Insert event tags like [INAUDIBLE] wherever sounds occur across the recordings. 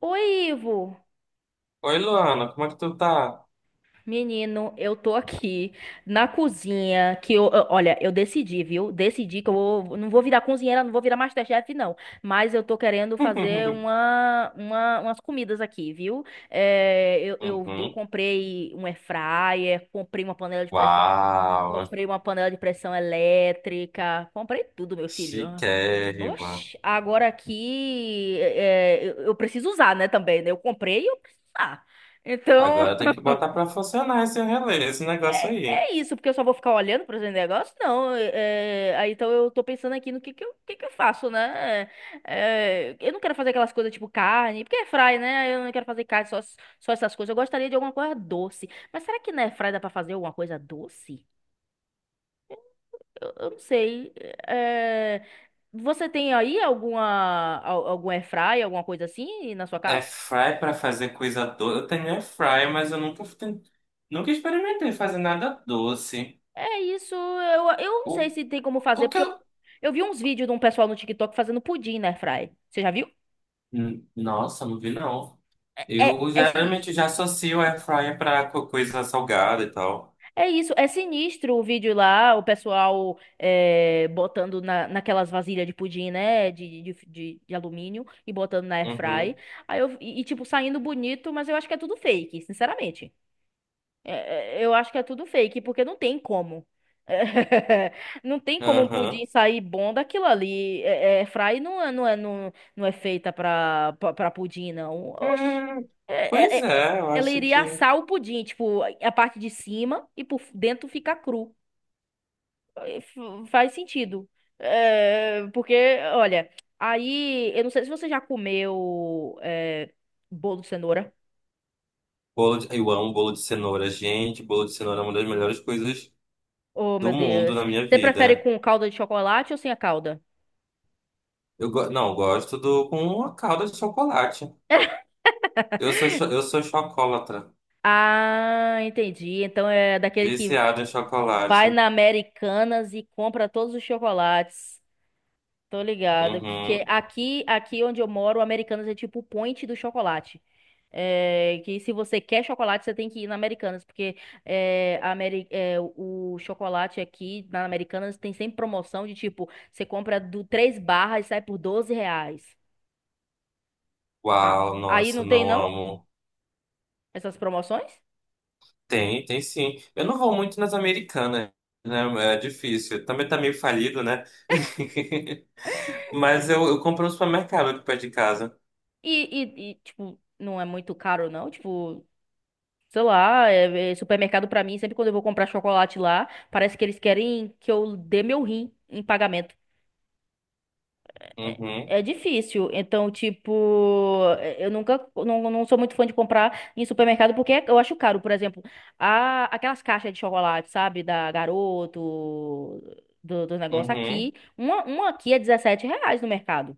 Oi, Ivo. Oi, Luana, como é que tu tá? Menino, eu tô aqui na cozinha que olha, eu decidi, viu? Decidi que não vou virar cozinheira, não vou virar MasterChef, não. Mas eu tô querendo fazer [LAUGHS] umas comidas aqui, viu? Eu Uhum. comprei um air fryer, comprei uma panela de pressão, Uau, comprei uma panela de pressão elétrica, comprei tudo, meu filho. chiquérrima. Oxi, agora aqui eu preciso usar, né, também, né? Eu comprei e eu preciso usar. Então, Agora tem que botar pra funcionar esse relé, esse negócio aí. é isso, porque eu só vou ficar olhando para os negócios? Não. Aí então eu tô pensando aqui no que que eu faço, né? Eu não quero fazer aquelas coisas tipo carne, porque é fry, né? Eu não quero fazer carne, só essas coisas. Eu gostaria de alguma coisa doce. Mas será que na airfry dá para fazer alguma coisa doce? Eu não sei. É, Você tem aí algum airfry, alguma coisa assim na sua É casa? fry pra fazer coisa doce. Eu tenho air fry, mas eu nunca experimentei fazer nada doce. É isso, eu não O, sei se tem como fazer, o que porque eu, eu. eu vi uns vídeos de um pessoal no TikTok fazendo pudim na airfry. Você já viu? Nossa, não vi não. Eu É geralmente sinistro. já associo air fryer pra coisa salgada e tal. É isso, é sinistro o vídeo lá, o pessoal botando naquelas vasilhas de pudim, né? De alumínio e botando na airfry. Uhum, Aí tipo, saindo bonito, mas eu acho que é tudo fake, sinceramente. Eu acho que é tudo fake, porque não tem como. [LAUGHS] Não tem como um pudim aham. sair bom daquilo ali. Fry não é feita pra pudim, não. Oxi. Hum, É, é, pois é, é, é, eu Ela acho iria que. assar o pudim, tipo, a parte de cima e por dentro fica cru. Faz sentido. Porque, olha, aí, eu não sei se você já comeu bolo de cenoura. Eu amo bolo de cenoura, gente. Bolo de cenoura é uma das melhores coisas Oh, do meu mundo na Deus. minha Você prefere vida. com calda de chocolate ou sem a calda? Não, eu gosto do com uma calda de chocolate. Eu sou chocolatra, Ah, entendi. Então é daquele que viciado em chocolate. vai na Americanas e compra todos os chocolates. Tô ligado. Que Uhum. aqui onde eu moro, o Americanas é tipo o point do chocolate. Que se você quer chocolate, você tem que ir na Americanas, porque o chocolate aqui na Americanas tem sempre promoção de tipo, você compra do três barras e sai por 12 reais. Ah, Uau, aí nossa, não tem não não amo. essas promoções? Tem sim. Eu não vou muito nas Americanas, né? É difícil. Também tá meio falido, né? [LAUGHS] Mas eu compro no supermercado aqui perto de casa. E, tipo, não é muito caro não? Tipo sei lá, é supermercado pra mim, sempre quando eu vou comprar chocolate lá, parece que eles querem que eu dê meu rim em pagamento. Uhum, É difícil. Então, tipo, eu nunca, não sou muito fã de comprar em supermercado porque eu acho caro. Por exemplo, aquelas caixas de chocolate, sabe? Da Garoto, do negócio uhum. aqui. Uma aqui é R$ 17 no mercado.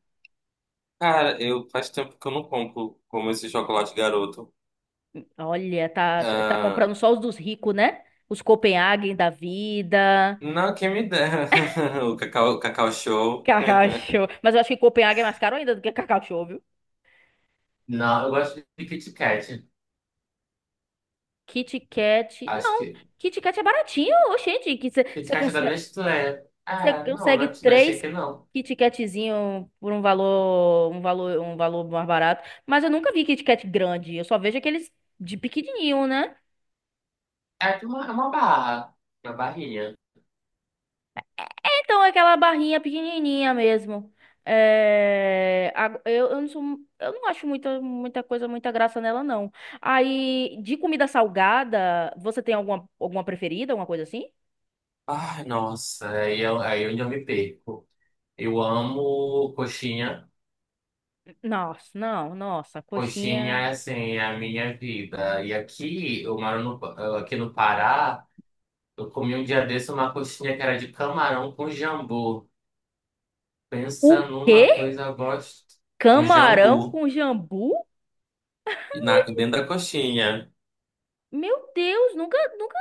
Cara, eu faz tempo que eu não compro como esse chocolate Garoto. Olha, tá Ah, comprando só os dos ricos, né? Os Copenhagen da vida. não, quem me dera. [LAUGHS] O Cacau Show. Cacau Show. Mas eu acho que Copenhague é mais caro ainda do que Cacau Show, viu? Não. Kit Kat. Não, Kit Kat é baratinho, ô, gente. Que Kit você Kat da consegue, Nestlé. Ah, não, não, consegue não achei três que não. Kit Katzinho por um valor mais barato. Mas eu nunca vi Kit Kat grande. Eu só vejo aqueles de pequenininho, né? É, ah, na Bahia. Então, é aquela barrinha pequenininha mesmo. Eu não sou, eu não acho muita, muita coisa, muita graça nela, não. Aí, de comida salgada, você tem alguma, preferida, alguma coisa assim? Ai, nossa, aí onde eu me perco. Eu amo coxinha. Nossa, não, nossa, Coxinha, é, coxinha. assim, é a minha vida. E aqui, eu moro no, aqui no Pará, eu comi um dia desse uma coxinha que era de camarão com jambu. O Pensa numa quê? coisa gosto. Um Camarão jambu com jambu? e dentro da coxinha. Meu Deus, nunca, nunca,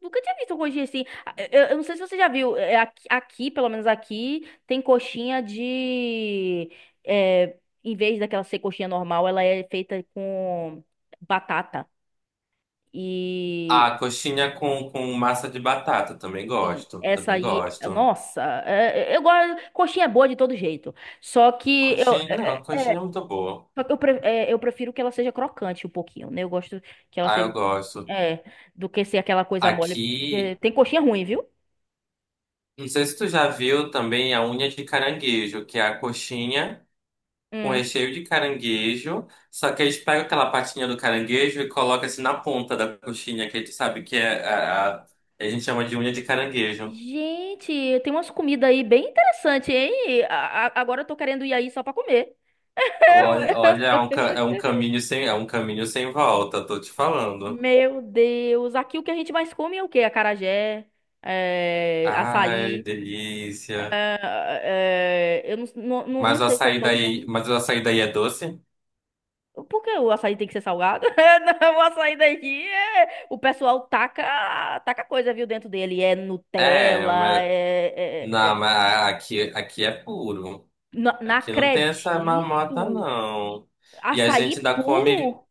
nunca tinha visto coxinha assim. Ah, eu não sei se você já viu, aqui, pelo menos aqui, tem coxinha de. Em vez daquela ser coxinha normal, ela é feita com batata. Ah, E coxinha com massa de batata. Também gosto. essa Também aí, gosto. nossa, eu gosto. Coxinha é boa de todo jeito. Só que eu, Coxinha. é, Não, é, é, coxinha é muito boa. só que eu, pre- é, eu prefiro que ela seja crocante um pouquinho, né? Eu gosto que ela Ah, seja. eu Um pouquinho- gosto. É, do que ser aquela coisa mole. porque Aqui, Tem coxinha ruim, viu? não sei se tu já viu também a unha de caranguejo, que é a coxinha com Hum. recheio de caranguejo. Só que eles pegam aquela patinha do caranguejo e colocam assim na ponta da coxinha, que a gente sabe que a gente chama de unha de caranguejo. Gente, tem umas comidas aí bem interessantes, hein? Agora eu tô querendo ir aí só pra comer. Olha, olha, [LAUGHS] é um caminho sem volta, tô te falando. Meu Deus, aqui o que a gente mais come é o quê? Acarajé, Ai, açaí. delícia. Eu não Mas o sei se é açaí todo daí, mundo. mas o açaí daí é doce? Por que o açaí tem que ser salgado? [LAUGHS] Não, o açaí daqui é. O pessoal taca coisa, viu, dentro dele. É É, Nutella, mas é. é- é- não, é. mas aqui é puro. Não, não Aqui não tem essa marmota, acredito. não. E a Açaí gente ainda come. puro?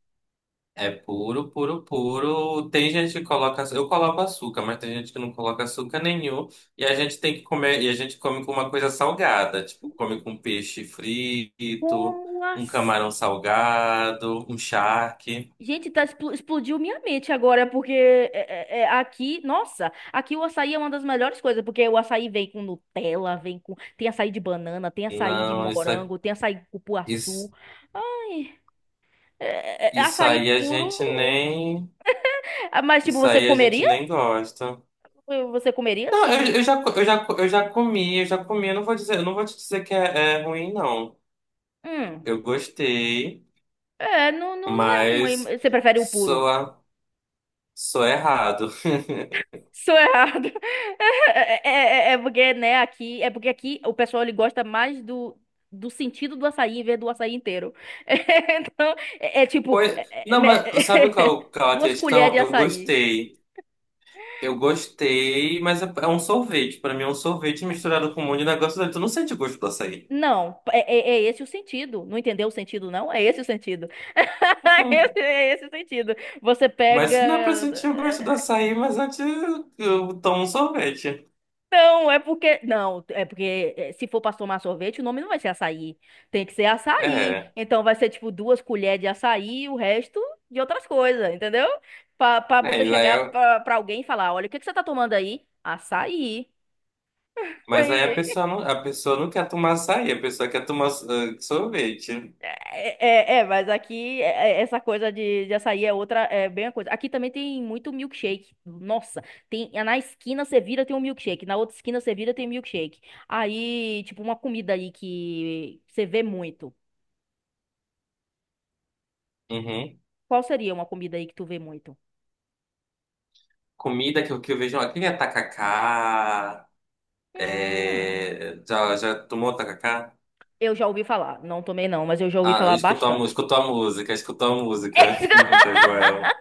É puro, puro, puro. Tem gente que coloca, eu coloco açúcar, mas tem gente que não coloca açúcar nenhum. E a gente tem que comer, e a gente come com uma coisa salgada, tipo, come com peixe frito, Como um assim? camarão salgado, um charque. Gente, tá, explodiu minha mente agora, porque aqui, nossa, aqui o açaí é uma das melhores coisas, porque o açaí vem com Nutella, vem com. Tem açaí de banana, tem açaí de Não, morango, tem açaí de cupuaçu. isso, Ai, é isso açaí aí a gente puro. nem, Ah, mas, tipo, isso você aí a gente comeria? nem gosta. Você comeria Não, se. Eu já comi, eu já comi. Eu não vou te dizer que é ruim, não. Hum, Eu gostei, não é ruim. mas Você prefere o puro? sou Sou errado. Sou errado. [LAUGHS] É porque, né, aqui, é porque aqui o pessoal ele gosta mais do sentido do açaí em vez do açaí inteiro. [LAUGHS] Então, tipo, Pois, é- não, mas sabe me- qual [LAUGHS] é a duas colheres questão? de Eu açaí. gostei. Eu gostei, mas é um sorvete. Pra mim é um sorvete misturado com um monte de negócio dentro. Tu não sente o gosto do açaí. Não, é esse o sentido. Não entendeu o sentido, não? É esse o sentido. [LAUGHS] [LAUGHS] É esse o sentido. Você Mas se não é pra pega. sentir o gosto do açaí, mas antes eu tomo um sorvete. Não, é porque. Não, é porque se for pra tomar sorvete, o nome não vai ser açaí. Tem que ser açaí. É. Então vai ser tipo duas colheres de açaí e o resto de outras coisas, entendeu? Pra É, você chegar pra alguém e falar: olha, o que que você tá tomando aí? Açaí. mas aí a pessoa [LAUGHS] não, a pessoa não quer tomar açaí, a pessoa quer tomar sorvete. Mas aqui essa coisa de açaí é outra, é bem a coisa. Aqui também tem muito milkshake. Nossa, tem na esquina você vira tem um milkshake, na outra esquina você vira tem milkshake. Aí, tipo, uma comida aí que você vê muito. Uhum. Qual seria uma comida aí que tu vê muito? Comida que eu vejo aqui é tacacá. Hum, É, já tomou tacacá? eu já ouvi falar. Não tomei não, mas eu já ouvi Ah, eu falar bastante. escuto a música [LAUGHS] [LAUGHS] da Joel.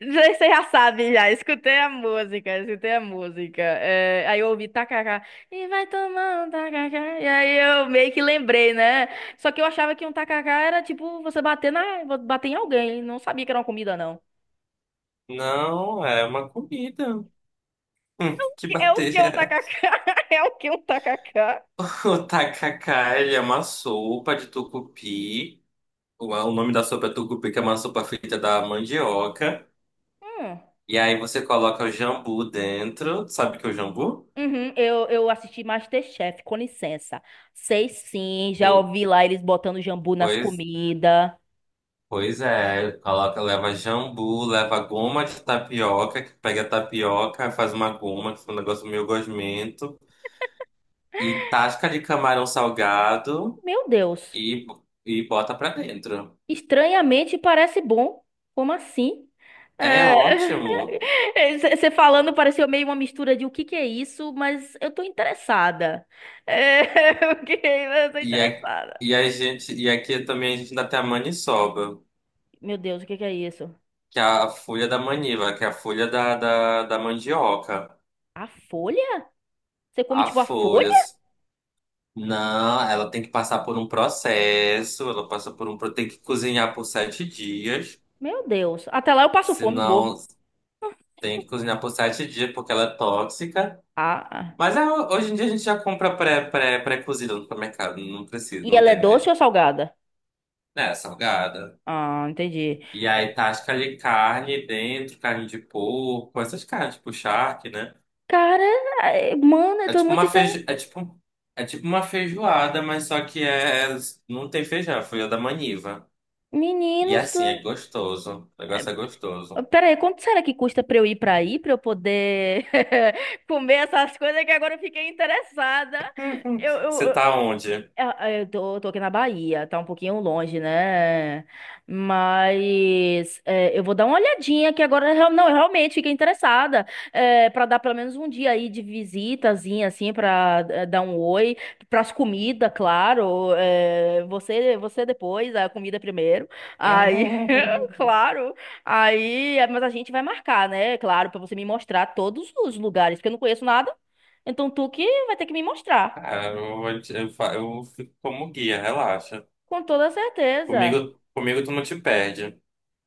Você já sabe, já. Escutei a música, escutei a música. Aí eu ouvi tacacá. E vai tomar um tacacá. E aí eu meio que lembrei, né? Só que eu achava que um tacacá era tipo você bater bater em alguém. Não sabia que era uma comida, não. Não, é uma comida. Que É o que um bater. tacacá? [LAUGHS] [LAUGHS] É o que um tacacá? O tacacá, ele é uma sopa de tucupi. O nome da sopa é tucupi, que é uma sopa feita da mandioca. Hum. E aí você coloca o jambu dentro. Sabe o que é o jambu? Uhum, eu assisti MasterChef, com licença. Sei sim, já O- ouvi lá eles botando jambu nas Pois, comidas. pois é. Coloca, leva jambu, leva goma de tapioca, que pega a tapioca, faz uma goma, que é um negócio meio gosmento. E tasca de camarão salgado Meu Deus. e, e bota pra dentro. Estranhamente parece bom. Como assim? É É, ótimo. [LAUGHS] Você falando pareceu meio uma mistura de o que que é isso, mas eu tô interessada. [LAUGHS] Ok, mas eu tô E, a- interessada. E aqui também a gente ainda tem a maniçoba, Meu Deus, o que que é isso? que é a folha da maniva, que é a folha da mandioca. A folha? Você come A tipo a folha? folhas. Não, ela tem que passar por um processo, ela passa por um, pro- tem que cozinhar por 7 dias, Meu Deus. Até lá eu passo fome, e morro. senão tem que cozinhar por 7 dias porque ela é tóxica. Ah, ah. Mas é, hoje em dia a gente já compra pré-cozido no supermercado. Não precisa, E não ela é tem. Doce ou salgada? Né. É, salgada. Ah, entendi. E aí tasca de carne dentro, carne de porco, essas carnes, tipo charque, né? Cara, mano, eu É tô tipo muito. uma feijo... é tipo uma feijoada, mas só que não tem feijão, foi a da maniva. E Meninos. assim, é gostoso. O negócio é gostoso. Pera aí, quanto será que custa pra eu ir pra aí, pra eu poder [LAUGHS] comer essas coisas que agora eu fiquei interessada? [LAUGHS] Eu, Você eu, tá onde? Eu tô aqui na Bahia, tá um pouquinho longe, né? Mas eu vou dar uma olhadinha que agora eu não, eu realmente fiquei interessada para dar pelo menos um dia aí de visitazinha, assim, para dar um oi, pras comidas, claro. Você depois, a comida primeiro. Aí, [LAUGHS] [LAUGHS] claro. Aí, mas a gente vai marcar, né? Claro, para você me mostrar todos os lugares, porque eu não conheço nada. Então tu que vai ter que me mostrar. Ah, eu, vou te- eu, fa- eu fico como guia, relaxa. Com toda certeza. Comigo tu não te perde.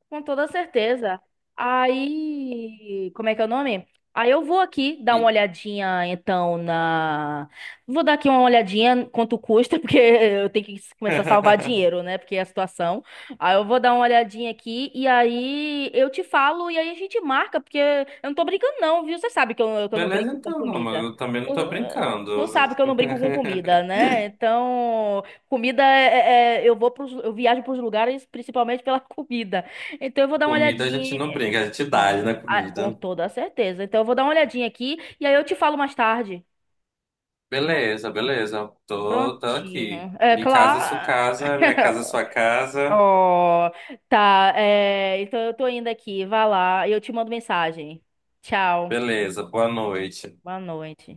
Com toda certeza. Aí, como é que é o nome? Aí eu vou aqui dar uma olhadinha, então, na. Vou dar aqui uma olhadinha quanto custa, [LAUGHS] porque eu tenho que começar a salvar [LAUGHS] dinheiro, né? Porque é a situação. Aí eu vou dar uma olhadinha aqui e aí eu te falo e aí a gente marca, porque eu não tô brincando, não, viu? Você sabe que que eu não Beleza, brinco com então, não, mas comida. eu também Tu, não tô brincando. tu sabe que eu não brinco com comida, [LAUGHS] né? Então, comida eu viajo pros lugares principalmente pela [LAUGHS] comida. Então eu vou dar uma Comida a gente olhadinha. não brinca, a gente dá, Não, né, ah, com comida. toda certeza. Então eu vou dar uma olhadinha aqui e aí eu te falo mais tarde. Beleza, beleza. Tô aqui. Prontinho. É Me casa, é sua claro. casa, minha casa, é [LAUGHS] sua casa. Oh, tá. Então eu tô indo aqui. Vai lá. Eu te mando mensagem. Tchau. Beleza, boa noite. Boa noite.